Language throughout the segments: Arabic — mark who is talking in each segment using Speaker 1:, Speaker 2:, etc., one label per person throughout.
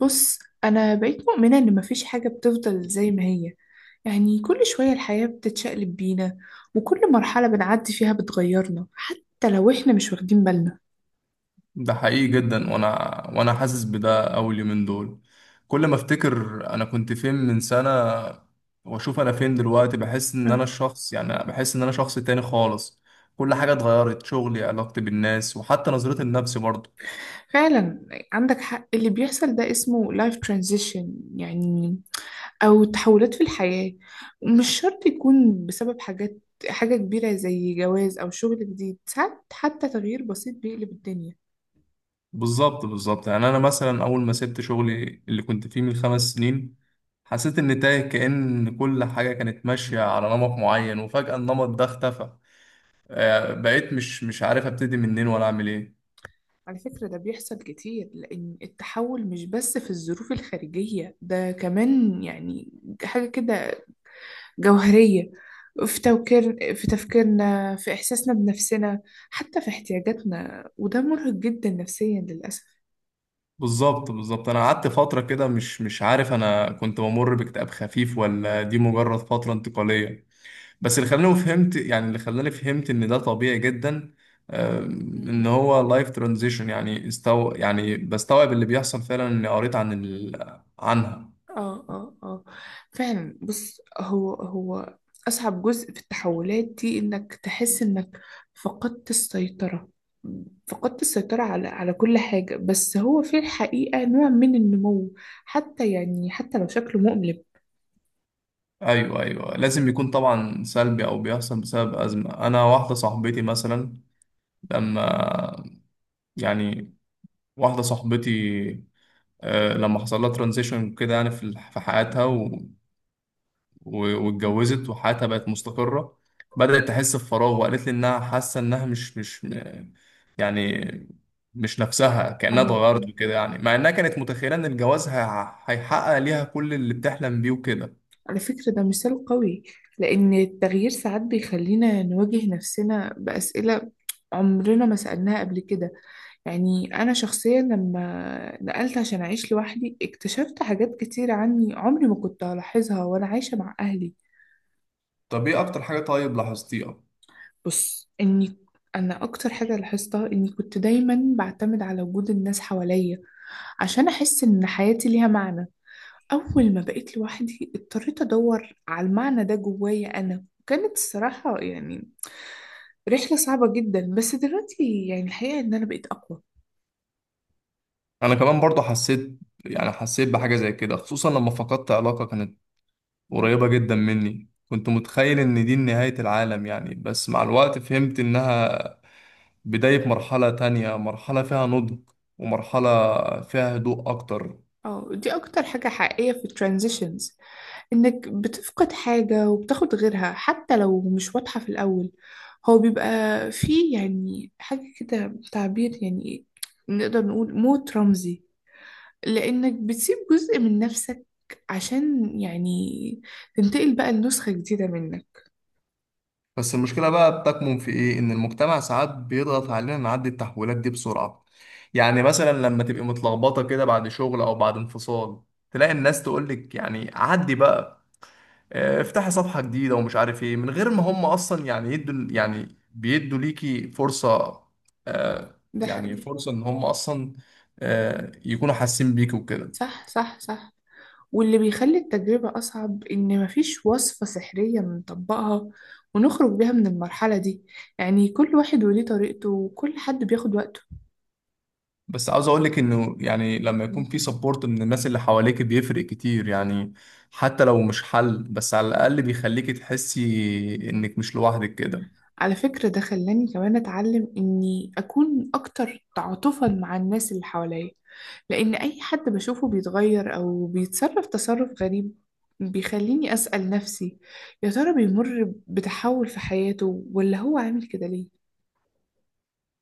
Speaker 1: بص، أنا بقيت مؤمنة إن مفيش حاجة بتفضل زي ما هي. يعني كل شوية الحياة بتتشقلب بينا، وكل مرحلة بنعدي فيها بتغيرنا حتى لو إحنا مش واخدين بالنا.
Speaker 2: ده حقيقي جدا، وانا حاسس بده اول يومين دول. كل ما افتكر انا كنت فين من سنة، واشوف انا فين دلوقتي،
Speaker 1: أه.
Speaker 2: بحس ان انا شخص تاني خالص. كل حاجة اتغيرت، شغلي، علاقتي بالناس، وحتى نظرتي لنفسي برضه.
Speaker 1: فعلا، عندك حق. اللي بيحصل ده اسمه life transition، يعني أو تحولات في الحياة. مش شرط يكون بسبب حاجات، حاجة كبيرة زي جواز أو شغل جديد، ساعات حتى تغيير بسيط بيقلب الدنيا.
Speaker 2: بالظبط، يعني انا مثلا اول ما سبت شغلي اللي كنت فيه من 5 سنين، حسيت اني تايه، كأن كل حاجة كانت ماشية على نمط معين وفجأة النمط ده اختفى. بقيت مش عارف ابتدي منين ولا اعمل ايه.
Speaker 1: على فكرة ده بيحصل كتير، لأن التحول مش بس في الظروف الخارجية، ده كمان يعني حاجة كده جوهرية في تفكيرنا، في إحساسنا بنفسنا، حتى في احتياجاتنا، وده مرهق جدا نفسيا للأسف.
Speaker 2: بالظبط، انا قعدت فتره كده مش عارف، انا كنت بمر باكتئاب خفيف ولا دي مجرد فتره انتقاليه. بس اللي خلاني فهمت ان ده طبيعي جدا، ان هو لايف ترانزيشن، يعني استو يعني بستوعب اللي بيحصل، فعلا اني قريت عن عنها.
Speaker 1: اه اه اه. فعلا، بص هو أصعب جزء في التحولات دي إنك تحس إنك فقدت السيطرة. على كل حاجة، بس هو في الحقيقة نوع من النمو، حتى يعني حتى لو شكله مؤلم.
Speaker 2: ايوه، ايوه، لازم يكون طبعا سلبي او بيحصل بسبب ازمه. انا واحده صاحبتي مثلا، لما، يعني، واحده صاحبتي، لما حصل لها ترانزيشن كده، يعني في حياتها، واتجوزت، وحياتها بقت مستقرة، بدأت تحس بفراغ، وقالت لي إنها حاسة إنها مش مش م- يعني مش نفسها، كأنها
Speaker 1: آه،
Speaker 2: اتغيرت وكده، يعني مع إنها كانت متخيلة إن الجواز هيحقق ليها كل اللي بتحلم بيه وكده.
Speaker 1: على فكرة ده مثال قوي، لأن التغيير ساعات بيخلينا نواجه نفسنا بأسئلة عمرنا ما سألناها قبل كده. يعني أنا شخصيا لما نقلت عشان أعيش لوحدي اكتشفت حاجات كتير عني عمري ما كنت هلاحظها وأنا عايشة مع أهلي.
Speaker 2: طب إيه أكتر حاجة طيب لاحظتيها؟
Speaker 1: بص، أنا أكتر حاجة لاحظتها إني كنت دايما بعتمد على وجود الناس حواليا عشان أحس إن حياتي ليها معنى. أول ما بقيت لوحدي اضطريت أدور على المعنى ده جوايا أنا، وكانت الصراحة يعني رحلة صعبة جدا، بس دلوقتي يعني الحقيقة إن أنا بقيت أقوى.
Speaker 2: أنا كمان برضه حسيت، يعني بحاجة زي كده، خصوصا لما فقدت علاقة كانت قريبة جدا مني، كنت متخيل إن دي نهاية العالم، يعني بس مع الوقت فهمت إنها بداية مرحلة تانية، مرحلة فيها نضج، ومرحلة فيها هدوء أكتر.
Speaker 1: اه، دي أكتر حاجة حقيقية في الترانزيشنز، إنك بتفقد حاجة وبتاخد غيرها حتى لو مش واضحة في الأول. هو بيبقى فيه يعني حاجة كده، تعبير يعني نقدر نقول موت رمزي، لأنك بتسيب جزء من نفسك عشان يعني تنتقل بقى لنسخة جديدة منك.
Speaker 2: بس المشكلة بقى بتكمن في إيه؟ إن المجتمع ساعات بيضغط علينا نعدي التحولات دي بسرعة، يعني مثلا لما تبقي متلخبطة كده بعد شغل أو بعد انفصال، تلاقي الناس تقولك يعني عدي بقى، افتحي صفحة جديدة، ومش عارف إيه، من غير ما هم أصلا يعني يدوا، يعني بيدوا ليكي فرصة، آه،
Speaker 1: ده
Speaker 2: يعني
Speaker 1: حقيقي.
Speaker 2: فرصة إن هم أصلا يكونوا حاسين بيكي وكده.
Speaker 1: صح، صح، صح. واللي بيخلي التجربة أصعب إن مفيش وصفة سحرية بنطبقها ونخرج بيها من المرحلة دي. يعني كل واحد وليه طريقته وكل حد بياخد وقته.
Speaker 2: بس عاوز اقول لك انه، يعني لما يكون في سبورت من الناس اللي حواليك، بيفرق كتير، يعني حتى لو مش حل، بس على الاقل بيخليك تحسي انك مش لوحدك كده.
Speaker 1: على فكرة ده خلاني كمان أتعلم إني أكون أكتر تعاطفا مع الناس اللي حواليا، لأن أي حد بشوفه بيتغير أو بيتصرف تصرف غريب بيخليني أسأل نفسي: يا ترى بيمر بتحول في حياته ولا هو عامل كده ليه؟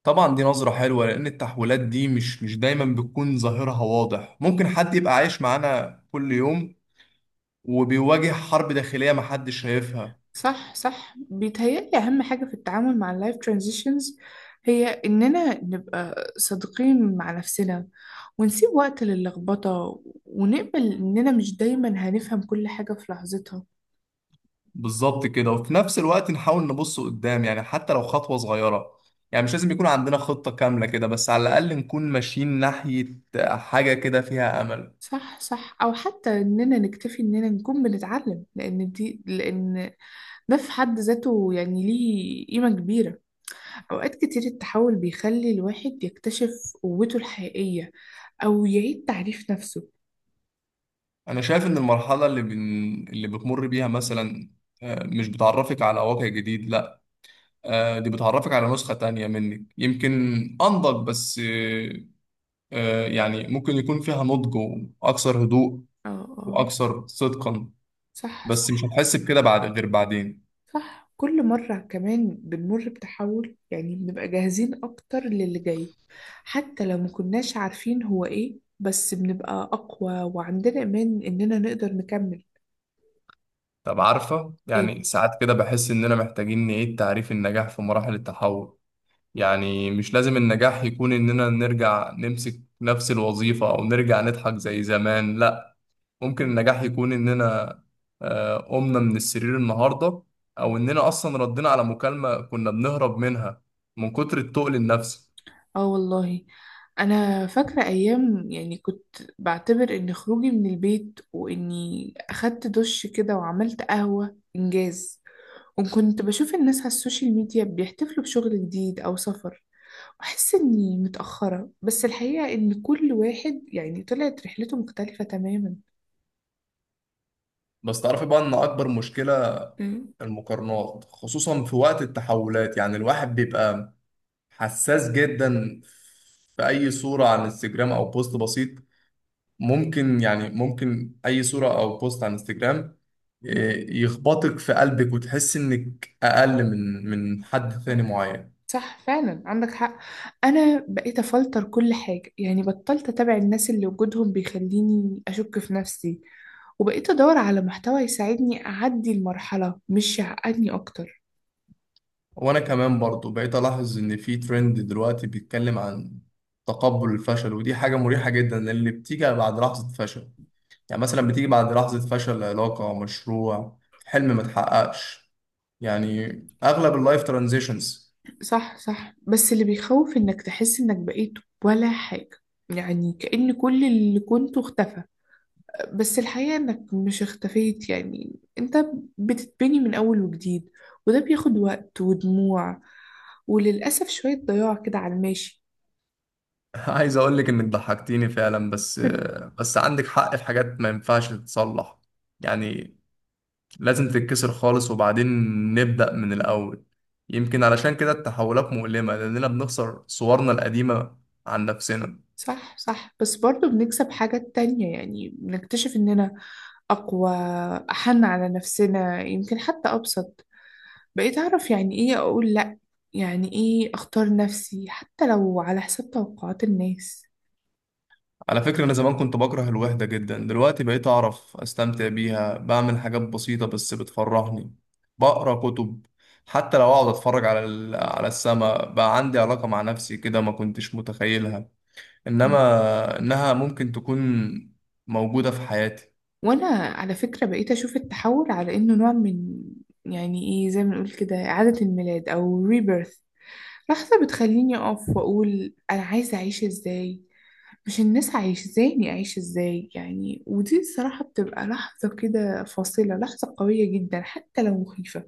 Speaker 2: طبعا، دي نظرة حلوة، لان التحولات دي مش دايما بتكون ظاهرها واضح، ممكن حد يبقى عايش معانا كل يوم وبيواجه حرب داخلية محدش شايفها.
Speaker 1: صح، صح، بيتهيألي أهم حاجة في التعامل مع اللايف ترانزيشنز هي إننا نبقى صادقين مع نفسنا ونسيب وقت للخبطة ونقبل إننا مش دايما هنفهم كل حاجة في لحظتها.
Speaker 2: بالظبط كده، وفي نفس الوقت نحاول نبص قدام، يعني حتى لو خطوة صغيرة، يعني مش لازم يكون عندنا خطة كاملة كده، بس على الأقل نكون ماشيين ناحية حاجة كده فيها أمل.
Speaker 1: صح، صح، او حتى اننا نكتفي اننا نكون بنتعلم، لان دي لان ده في حد ذاته يعني ليه قيمة كبيرة. اوقات كتير التحول بيخلي الواحد يكتشف قوته الحقيقية، او يعيد تعريف نفسه.
Speaker 2: أنا شايف إن المرحلة اللي بتمر بيها مثلا، مش بتعرفك على واقع جديد، لا، دي بتعرفك على نسخة تانية منك، يمكن أنضج، بس يعني ممكن يكون فيها نضج وأكثر هدوء
Speaker 1: اه، اه.
Speaker 2: وأكثر صدقا،
Speaker 1: صح،
Speaker 2: بس مش
Speaker 1: صح،
Speaker 2: هتحس بكده بعد غير بعدين.
Speaker 1: صح. كل مرة كمان بنمر بتحول يعني بنبقى جاهزين اكتر للي جاي، حتى لو ما كناش عارفين هو ايه، بس بنبقى اقوى وعندنا ايمان اننا نقدر نكمل.
Speaker 2: طب عارفة،
Speaker 1: ايه.
Speaker 2: يعني ساعات كده بحس إننا محتاجين نعيد تعريف النجاح في مراحل التحول، يعني مش لازم النجاح يكون إننا نرجع نمسك نفس الوظيفة أو نرجع نضحك زي زمان، لأ، ممكن النجاح يكون إننا قمنا من السرير النهاردة، أو إننا أصلا ردينا على مكالمة كنا بنهرب منها من كتر التقل النفسي.
Speaker 1: اه والله، انا فاكره ايام يعني كنت بعتبر ان خروجي من البيت واني اخدت دش كده وعملت قهوه انجاز. وكنت بشوف الناس على السوشيال ميديا بيحتفلوا بشغل جديد او سفر واحس اني متاخره، بس الحقيقه ان كل واحد يعني طلعت رحلته مختلفه تماما.
Speaker 2: بس تعرفي بقى إن أكبر مشكلة،
Speaker 1: مم.
Speaker 2: المقارنات، خصوصا في وقت التحولات، يعني الواحد بيبقى حساس جدا في اي صوره على الانستجرام او بوست بسيط، ممكن، يعني ممكن اي صوره او بوست على الانستجرام، يخبطك في قلبك، وتحس انك اقل من حد ثاني معين.
Speaker 1: صح، فعلا، عندك حق. انا بقيت افلتر كل حاجه، يعني بطلت اتابع الناس اللي وجودهم بيخليني اشك في نفسي، وبقيت ادور على محتوى يساعدني اعدي المرحله مش يعقدني اكتر.
Speaker 2: وانا كمان برضو بقيت الاحظ ان في ترند دلوقتي بيتكلم عن تقبل الفشل، ودي حاجة مريحة جدا اللي بتيجي بعد لحظة فشل، يعني مثلا بتيجي بعد لحظة فشل علاقة، مشروع، حلم ما اتحققش، يعني اغلب اللايف ترانزيشنز.
Speaker 1: صح، صح، بس اللي بيخوف انك تحس انك بقيت ولا حاجه، يعني كأن كل اللي كنته اختفى. بس الحقيقة انك مش اختفيت، يعني انت بتتبني من اول وجديد، وده بياخد وقت ودموع، وللأسف شوية ضياع كده على الماشي.
Speaker 2: عايز اقول لك انك ضحكتيني فعلا، بس عندك حق، في حاجات ما ينفعش تتصلح، يعني لازم تتكسر خالص وبعدين نبدأ من الاول، يمكن علشان كده التحولات مؤلمة، لاننا بنخسر صورنا القديمة عن نفسنا.
Speaker 1: صح، صح، بس برضو بنكسب حاجات تانية، يعني بنكتشف إننا أقوى، أحن على نفسنا، يمكن حتى أبسط. بقيت أعرف يعني إيه أقول لأ، يعني إيه أختار نفسي حتى لو على حساب توقعات الناس.
Speaker 2: على فكرة، انا زمان كنت بكره الوحدة جدا، دلوقتي بقيت اعرف استمتع بيها، بعمل حاجات بسيطة بس بتفرحني، بقرا كتب، حتى لو اقعد اتفرج على على السما، بقى عندي علاقة مع نفسي كده ما كنتش متخيلها
Speaker 1: مم.
Speaker 2: انما انها ممكن تكون موجودة في حياتي.
Speaker 1: وأنا على فكرة بقيت أشوف التحول على إنه نوع من، يعني إيه زي ما نقول كده، إعادة الميلاد أو ريبيرث. لحظة بتخليني أقف وأقول أنا عايزة أعيش إزاي، مش الناس عايش ازاي، اعيش ازاي يعني. ودي الصراحة بتبقى لحظة كده فاصلة، لحظة قوية جدا حتى لو مخيفة.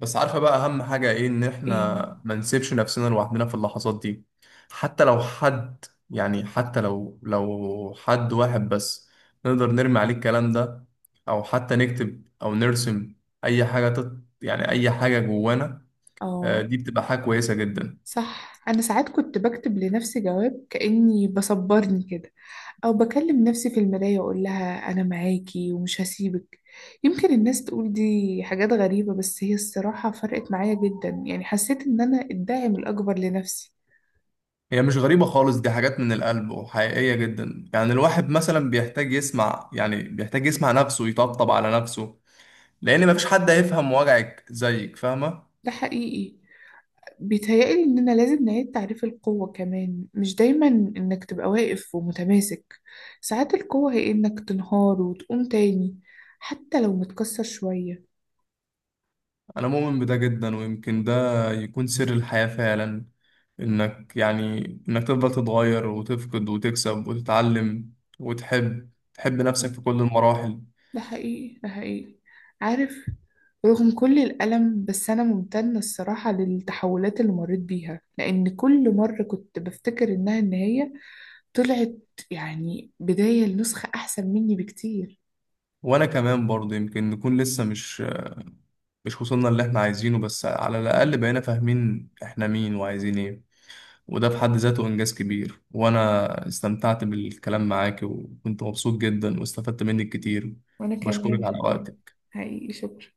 Speaker 2: بس عارفة بقى اهم حاجة ايه؟ ان
Speaker 1: إيه،
Speaker 2: احنا ما نسيبش نفسنا لوحدنا في اللحظات دي، حتى لو حد، يعني حتى لو حد واحد بس، نقدر نرمي عليه الكلام ده، او حتى نكتب او نرسم، اي حاجة يعني اي حاجة جوانا،
Speaker 1: اه.
Speaker 2: دي بتبقى حاجة كويسة جدا.
Speaker 1: صح، انا ساعات كنت بكتب لنفسي جواب كأني بصبرني كده، او بكلم نفسي في المراية واقول لها انا معاكي ومش هسيبك. يمكن الناس تقول دي حاجات غريبة، بس هي الصراحة فرقت معايا جدا. يعني حسيت ان انا الداعم الاكبر لنفسي.
Speaker 2: هي مش غريبة خالص، دي حاجات من القلب وحقيقية جدا، يعني الواحد مثلا بيحتاج يسمع، يعني بيحتاج يسمع نفسه، يطبطب على نفسه، لان مفيش حد هيفهم وجعك زيك فاهمه.
Speaker 1: ده حقيقي. بيتهيألي إننا لازم نعيد تعريف القوة كمان، مش دايما إنك تبقى واقف ومتماسك. ساعات القوة هي إنك تنهار وتقوم تاني، حتى لو متكسر شوية.
Speaker 2: انا مؤمن بده جدا، ويمكن ده يكون سر الحياه فعلا، انك، يعني انك تفضل تتغير وتفقد وتكسب وتتعلم، وتحب، تحب نفسك في كل المراحل.
Speaker 1: ده حقيقي، ده حقيقي. عارف، رغم كل الألم بس أنا ممتنة الصراحة للتحولات اللي مريت بيها، لأن كل مرة كنت بفتكر إنها النهاية طلعت يعني بداية لنسخة أحسن مني بكتير.
Speaker 2: وانا كمان برضه، يمكن نكون لسه مش وصلنا اللي احنا عايزينه، بس على الاقل بقينا فاهمين احنا مين وعايزين ايه، وده في حد ذاته انجاز كبير. وانا استمتعت بالكلام معاك، وكنت مبسوط جدا واستفدت منك كتير.
Speaker 1: وأنا
Speaker 2: بشكرك
Speaker 1: كمان
Speaker 2: على
Speaker 1: حقيقي.
Speaker 2: وقتك.
Speaker 1: حقيقي، شكرا.